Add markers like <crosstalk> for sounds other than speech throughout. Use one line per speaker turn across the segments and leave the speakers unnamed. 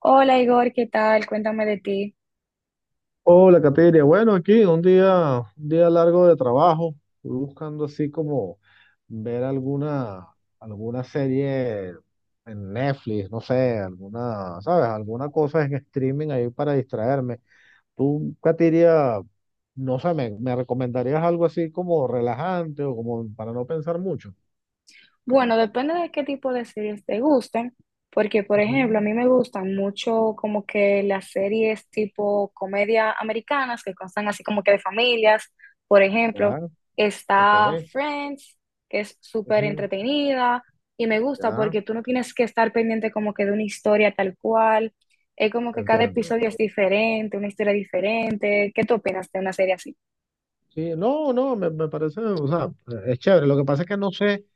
Hola Igor, ¿qué tal? Cuéntame de ti.
Hola, Cateria. Bueno, aquí un día largo de trabajo. Estoy buscando así como ver alguna serie en Netflix, no sé, alguna, ¿sabes? Alguna cosa en streaming ahí para distraerme. Tú, Cateria, no sé, me recomendarías algo así como relajante o como para no pensar mucho?
Bueno, depende de qué tipo de series te gusten, porque por
Ujú.
ejemplo, a mí me gustan mucho como que las series tipo comedia americanas que constan así como que de familias. Por ejemplo,
Ya, ok.
está Friends, que es súper
Ujú,
entretenida y me gusta
ya,
porque tú no tienes que estar pendiente como que de una historia tal cual. Es como que cada
entiendo.
episodio es diferente, una historia diferente. ¿Qué tú opinas de una serie así?
Sí, no, no, me parece, o sea, es chévere. Lo que pasa es que no sé.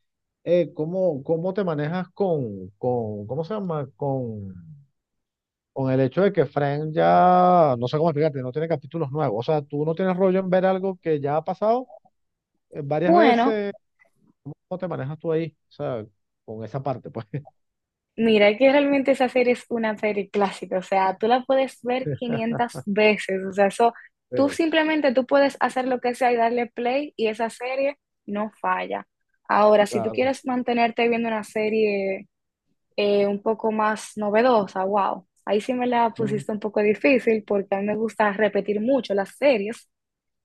¿Cómo, cómo te manejas ¿cómo se llama? Con el hecho de que Friends ya, no sé cómo explicarte, no tiene capítulos nuevos. O sea, tú no tienes rollo en ver algo que ya ha pasado varias
Bueno,
veces. ¿Cómo te manejas tú ahí? O sea, con esa parte, pues.
mira, que realmente esa serie es una serie clásica, o sea, tú la puedes ver 500 veces, o sea, eso,
<laughs>
tú
eh,
simplemente tú puedes hacer lo que sea y darle play y esa serie no falla. Ahora, si tú
claro.
quieres mantenerte viendo una serie un poco más novedosa, wow, ahí sí me la
Mm.
pusiste un poco difícil porque a mí me gusta repetir mucho las series.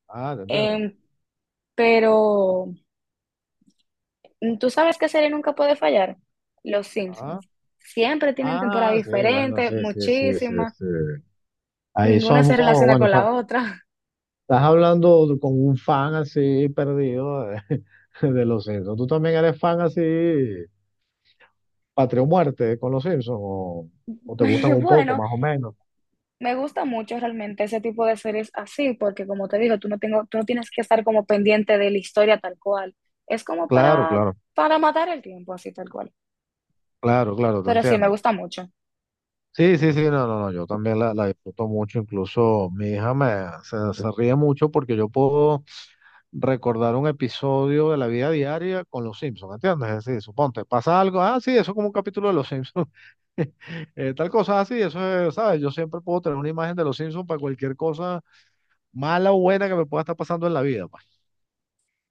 Ah, te entiendo.
Em, pero tú sabes qué serie nunca puede fallar, Los
Ah,
Simpsons. Siempre tienen temporada
ah, sí, bueno,
diferente,
sí, sí, sí, sí,
muchísimas.
sí. Ahí
Ninguna se
somos,
relaciona
bueno,
con la otra.
estás hablando con un fan así perdido de, <laughs> de los Simpsons. Tú también eres fan así. Patria o muerte con los Simpsons o
<laughs>
te
Y
gustan un poco,
bueno,
más o menos.
me gusta mucho realmente ese tipo de series así, porque como te digo, tú no tienes que estar como pendiente de la historia tal cual. Es como
Claro,
para,
claro,
para matar el tiempo así tal cual.
claro, claro, te
Pero sí, me
entiendo.
gusta mucho.
Sí, sí, sí, no, no, no, yo también la disfruto mucho, incluso mi hija me, se ríe mucho porque yo puedo recordar un episodio de la vida diaria con los Simpsons, ¿entiendes? Es decir, suponte, pasa algo, ah, sí, eso es como un capítulo de los Simpsons, <laughs> tal cosa así, eso es, ¿sabes? Yo siempre puedo tener una imagen de los Simpsons para cualquier cosa mala o buena que me pueda estar pasando en la vida, pues.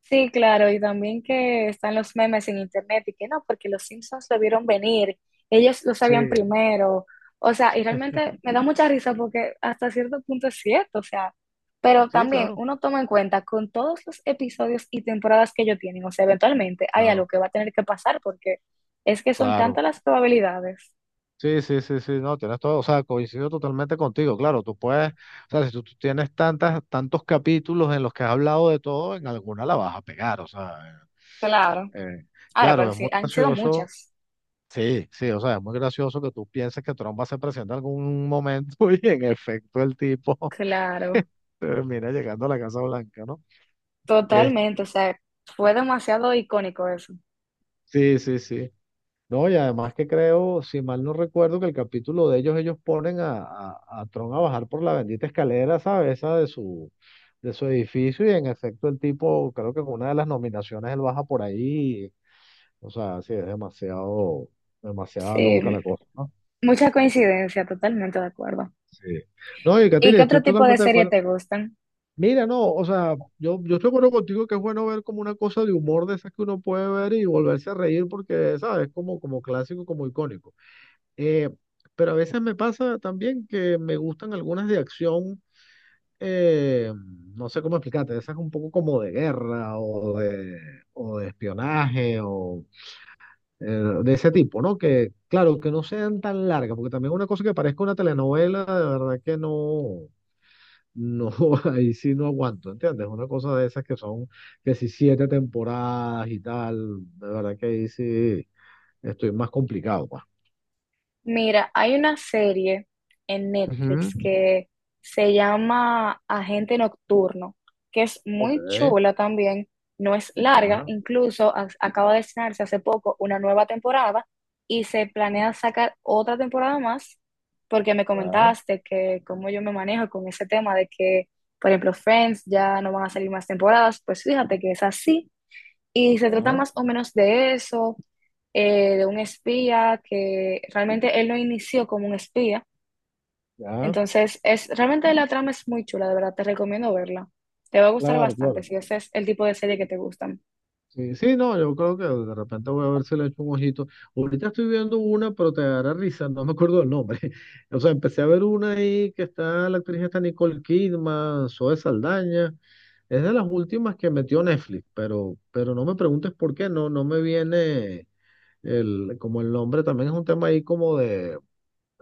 Sí, claro, y también que están los memes en internet y que no, porque los Simpsons lo vieron venir, ellos lo
Sí.
sabían primero, o sea, y realmente me da mucha risa porque hasta cierto punto es cierto, o sea, pero
Sí,
también
claro,
uno toma en cuenta con todos los episodios y temporadas que ellos tienen, o sea, eventualmente hay algo
claro,
que va a tener que pasar porque es que son tantas
claro.
las probabilidades.
Sí, sí, sí, sí, no, tienes todo, o sea, coincido totalmente contigo, claro, tú puedes, o sea, si tú, tú tienes tantas, tantos capítulos en los que has hablado de todo, en alguna la vas a pegar, o sea,
Claro,
eh,
ahora, pero
claro, es
sí,
muy
han sido
gracioso,
muchas.
sí, sí, o sea, es muy gracioso que tú pienses que Trump va a ser presidente en algún momento <laughs> y en efecto el tipo <laughs>
Claro,
termina llegando a la Casa Blanca, ¿no? Eh,
totalmente, o sea, fue demasiado icónico eso.
sí, sí, sí. No, y además que creo, si mal no recuerdo, que el capítulo de ellos, ellos ponen a Tron a bajar por la bendita escalera, ¿sabes? Esa de su edificio, y en efecto el tipo, creo que con una de las nominaciones él baja por ahí. O sea, sí, es demasiado, demasiada loca
Sí,
la cosa, ¿no?
mucha coincidencia, totalmente de acuerdo.
Sí. No, y
¿Y
Katina,
qué otro
estoy
tipo de
totalmente de
serie
acuerdo.
te gustan?
Mira, no, o sea, yo estoy de acuerdo contigo que es bueno ver como una cosa de humor de esas que uno puede ver y volverse a reír porque, ¿sabes? Como, como clásico, como icónico. Eh, pero a veces me pasa también que me gustan algunas de acción, eh, no sé cómo explicarte, esas un poco como de guerra o de espionaje o eh, de ese tipo, ¿no? Que claro, que no sean tan largas, porque también una cosa que parezca una telenovela, de verdad que no, no, <laughs> ahí sí no aguanto, ¿entiendes? Una cosa de esas que son, que si siete temporadas y tal, de verdad que ahí sí estoy más complicado, pues.
Mira, hay una serie en
Ujú.
Netflix que se llama Agente Nocturno, que es
Ok,
muy chula también, no es larga,
ya,
incluso acaba de estrenarse hace poco una nueva temporada y se planea sacar otra temporada más, porque me
ya.
comentaste que cómo yo me manejo con ese tema de que, por ejemplo, Friends ya no van a salir más temporadas, pues fíjate que es así y se trata
Ya,
más o menos de eso, de un espía que realmente él lo inició como un espía.
ya,
Entonces, es realmente la trama es muy chula, de verdad, te recomiendo verla. Te va a gustar
claro,
bastante
claro.
si ese es el tipo de serie que te gustan.
Sí, sí, no, yo creo que de repente voy a ver si le echo un ojito. Ahorita estoy viendo una, pero te dará risa, no me acuerdo el nombre. <laughs> O sea, empecé a ver una ahí que está, la actriz está Nicole Kidman, Zoe Saldaña. Es de las últimas que metió Netflix, pero no me preguntes por qué, no, no me viene el, como el nombre, también es un tema ahí como de,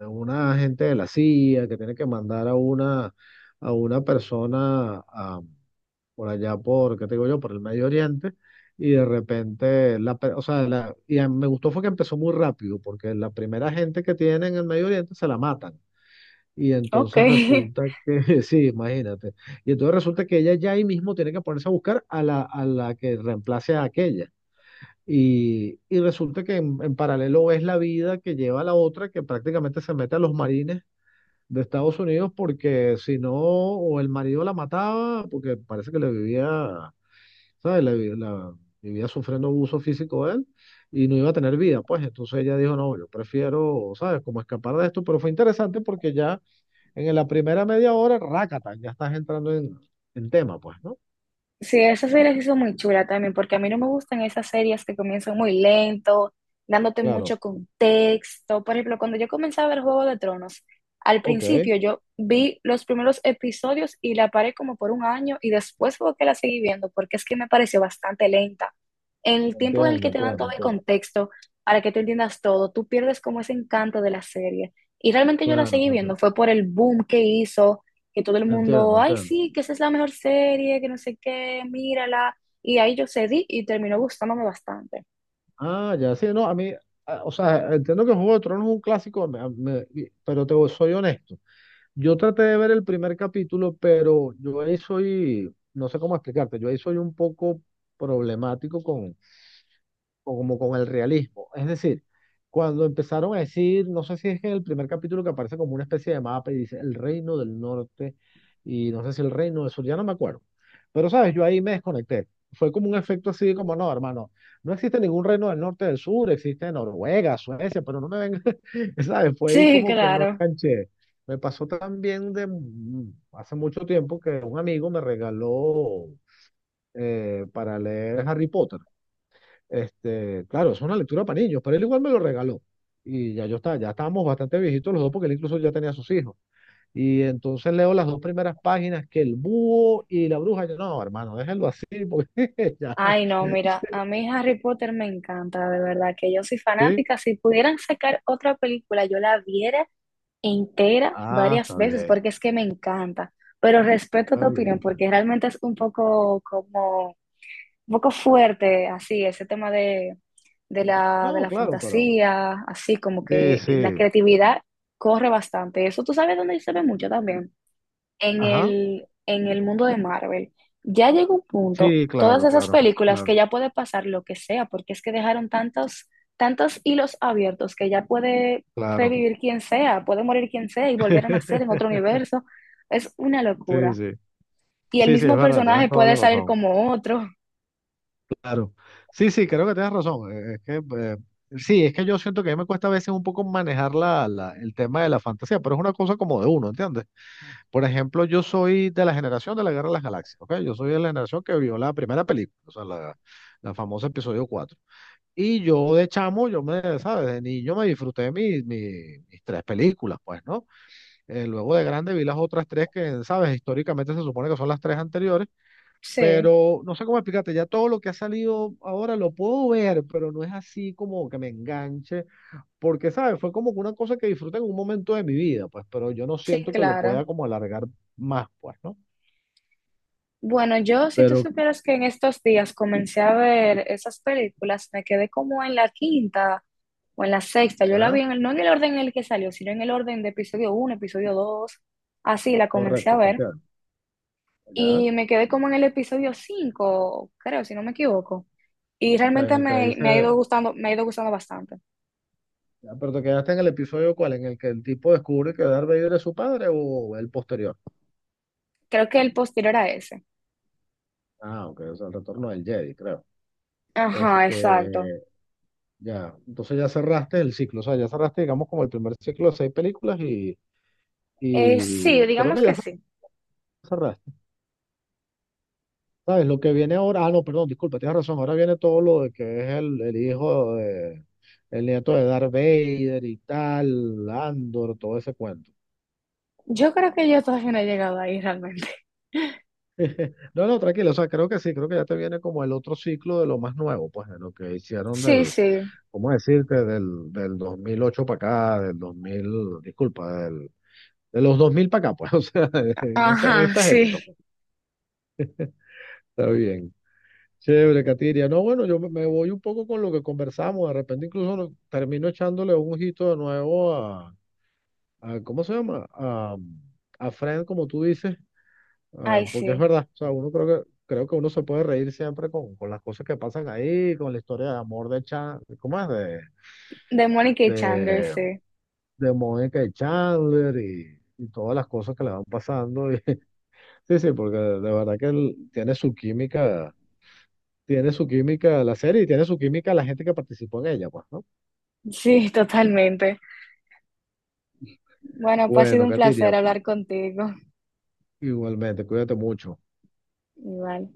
una agente de la CIA que tiene que mandar a una persona por allá por, ¿qué te digo yo? Por el Medio Oriente, y de repente, o sea, me gustó fue que empezó muy rápido, porque la primera gente que tienen en el Medio Oriente se la matan. Y
Ok.
entonces
<laughs>
resulta que, <laughs> sí, imagínate. Y entonces resulta que ella ya ahí mismo tiene que ponerse a buscar a a la que reemplace a aquella. Y resulta que en paralelo es la vida que lleva la otra, que prácticamente se mete a los marines de Estados Unidos, porque si no, o el marido la mataba, porque parece que le vivía ¿sabes? Vivía sufriendo abuso físico de él y no iba a tener vida, pues entonces ella dijo, no, yo prefiero, ¿sabes? Como escapar de esto, pero fue interesante porque ya en la primera media hora, rácata, ya estás entrando en tema, pues, ¿no?
Sí, esa serie se hizo muy chula también, porque a mí no me gustan esas series que comienzan muy lento, dándote
Claro,
mucho contexto. Por ejemplo, cuando yo comencé a ver Juego de Tronos, al
ok,
principio yo vi los primeros episodios y la paré como por un año y después fue que la seguí viendo, porque es que me pareció bastante lenta. En el tiempo en el
entiendo,
que te dan
entiendo,
todo el
entiendo.
contexto para que tú entiendas todo, tú pierdes como ese encanto de la serie. Y realmente yo la
Claro,
seguí viendo, fue por el boom que hizo que todo el mundo,
entiendo,
ay,
entiendo.
sí, que esa es la mejor serie, que no sé qué, mírala. Y ahí yo cedí y terminó gustándome bastante.
Ah, ya, sí, no, a mí, ah, o sea, entiendo que Juego de Tronos es un clásico, pero soy honesto. Yo traté de ver el primer capítulo, pero yo ahí soy, no sé cómo explicarte, yo ahí soy un poco problemático como con el realismo. Es decir, cuando empezaron a decir, no sé si es en el primer capítulo que aparece como una especie de mapa y dice el reino del norte y no sé si el reino del sur, ya no me acuerdo. Pero, ¿sabes? Yo ahí me desconecté. Fue como un efecto así como, no, hermano, no existe ningún reino del norte del sur, existe Noruega, Suecia, pero no me ven, <laughs> ¿sabes? Fue ahí
Sí, <laughs>
como que no
claro.
enganché. Me pasó también de hace mucho tiempo que un amigo me regaló para leer Harry Potter. Este, claro, es una lectura para niños, pero él igual me lo regaló. Y ya yo estaba, ya estábamos bastante viejitos los dos, porque él incluso ya tenía sus hijos. Y entonces leo las dos primeras páginas, que el búho y la bruja. Yo, no, hermano, déjenlo así, porque <laughs> ya.
Ay, no, mira, a mí Harry Potter me encanta, de verdad, que yo soy
¿Sí?
fanática. Si pudieran sacar otra película, yo la viera entera
Ah,
varias
está
veces,
bien,
porque es que me encanta. Pero respeto tu
está bien,
opinión,
está bien.
porque realmente es un poco como un poco fuerte, así, ese tema de, de
No,
la
claro, pero.
fantasía, así como
Sí,
que la
sí.
creatividad corre bastante. Eso tú sabes dónde se ve mucho también,
Ajá.
en el mundo de Marvel. Ya llegó un punto,
Sí,
todas
claro,
esas
claro,
películas que
claro,
ya puede pasar lo que sea, porque es que dejaron tantos, tantos hilos abiertos que ya puede
claro.
revivir quien sea, puede morir quien sea y volver a nacer en otro
<laughs>
universo. Es una
Sí,
locura.
sí.
Y el
Sí, sí, es
mismo
verdad, tienes
personaje
toda
puede
la
salir
razón.
como otro.
Claro. Sí, sí, creo que tienes razón. Es que, sí, es que yo siento que a mí me cuesta a veces un poco manejar el tema de la fantasía, pero es una cosa como de uno, ¿entiendes? Por ejemplo, yo soy de la generación de la Guerra de las Galaxias, ¿ok? Yo soy de la generación que vio la primera película, o sea, la famosa episodio 4, y yo de chamo, yo me, ¿sabes? De niño me disfruté mis tres películas, pues, ¿no? Luego de grande vi las otras tres que, ¿sabes? Históricamente se supone que son las tres anteriores
Sí.
pero no sé cómo explicarte, ya todo lo que ha salido ahora lo puedo ver, pero no es así como que me enganche, porque, ¿sabes? Fue como que una cosa que disfruté en un momento de mi vida, pues, pero yo no
Sí,
siento que lo
claro.
pueda como alargar más, pues, ¿no?
Bueno, yo, si tú
Pero
supieras que en estos días comencé a ver esas películas, me quedé como en la quinta o en la sexta. Yo la
ya,
vi en el, no en el orden en el que salió, sino en el orden de episodio uno, episodio dos. Así la comencé a
correcto, te
ver.
entiendo, ya.
Y me quedé como en el episodio 5, creo, si no me equivoco. Y
O sea, en
realmente
el que le dice,
me ha ido gustando, me ha ido gustando bastante.
ya, pero te quedaste en el episodio cuál, en el que el tipo descubre que Darth Vader es su padre o el posterior.
Creo que el posterior a ese.
Ah, ok, o sea, el retorno del Jedi, creo.
Ajá, exacto.
Este, ya, entonces ya cerraste el ciclo, o sea, ya cerraste, digamos, como el primer ciclo de seis películas y
Sí,
Creo
digamos
que
que
ya
sí.
cerraste. ¿Sabes? Lo que viene ahora, ah, no, perdón, disculpa, tienes razón. Ahora viene todo lo de que es el hijo de, el nieto de Darth Vader y tal, Andor, todo ese cuento.
Yo creo que yo todavía no he llegado ahí realmente. <laughs>
<laughs> No, no, tranquilo, o sea, creo que sí, creo que ya te viene como el otro ciclo de lo más nuevo, pues, de lo que hicieron
Sí,
del,
sí.
¿cómo decirte? Del 2008 para acá, del 2000 disculpa, del, de los 2000 para acá, pues, <laughs> o sea, en esta, en
Ajá,
estas
sí.
épocas, pues. Está bien. Chévere, Katiria. No, bueno, yo me voy un poco con lo que conversamos. De repente incluso termino echándole un ojito de nuevo a, ¿cómo se llama? A Friend, como tú dices,
Ay,
porque es
sí.
verdad. O sea, uno creo que uno se puede reír siempre con las cosas que pasan ahí, con la historia de amor de Chan, ¿cómo es?
De Mónica y Chandler,
De,
sí.
de Mónica y Chandler y todas las cosas que le van pasando. <laughs> Sí, sí, porque de verdad que él tiene su química la serie y tiene su química la gente que participó en ella, pues, ¿no?
Sí, totalmente. Bueno, pues ha sido
Bueno,
un
Katiria,
placer hablar contigo.
igualmente, cuídate mucho.
Igual.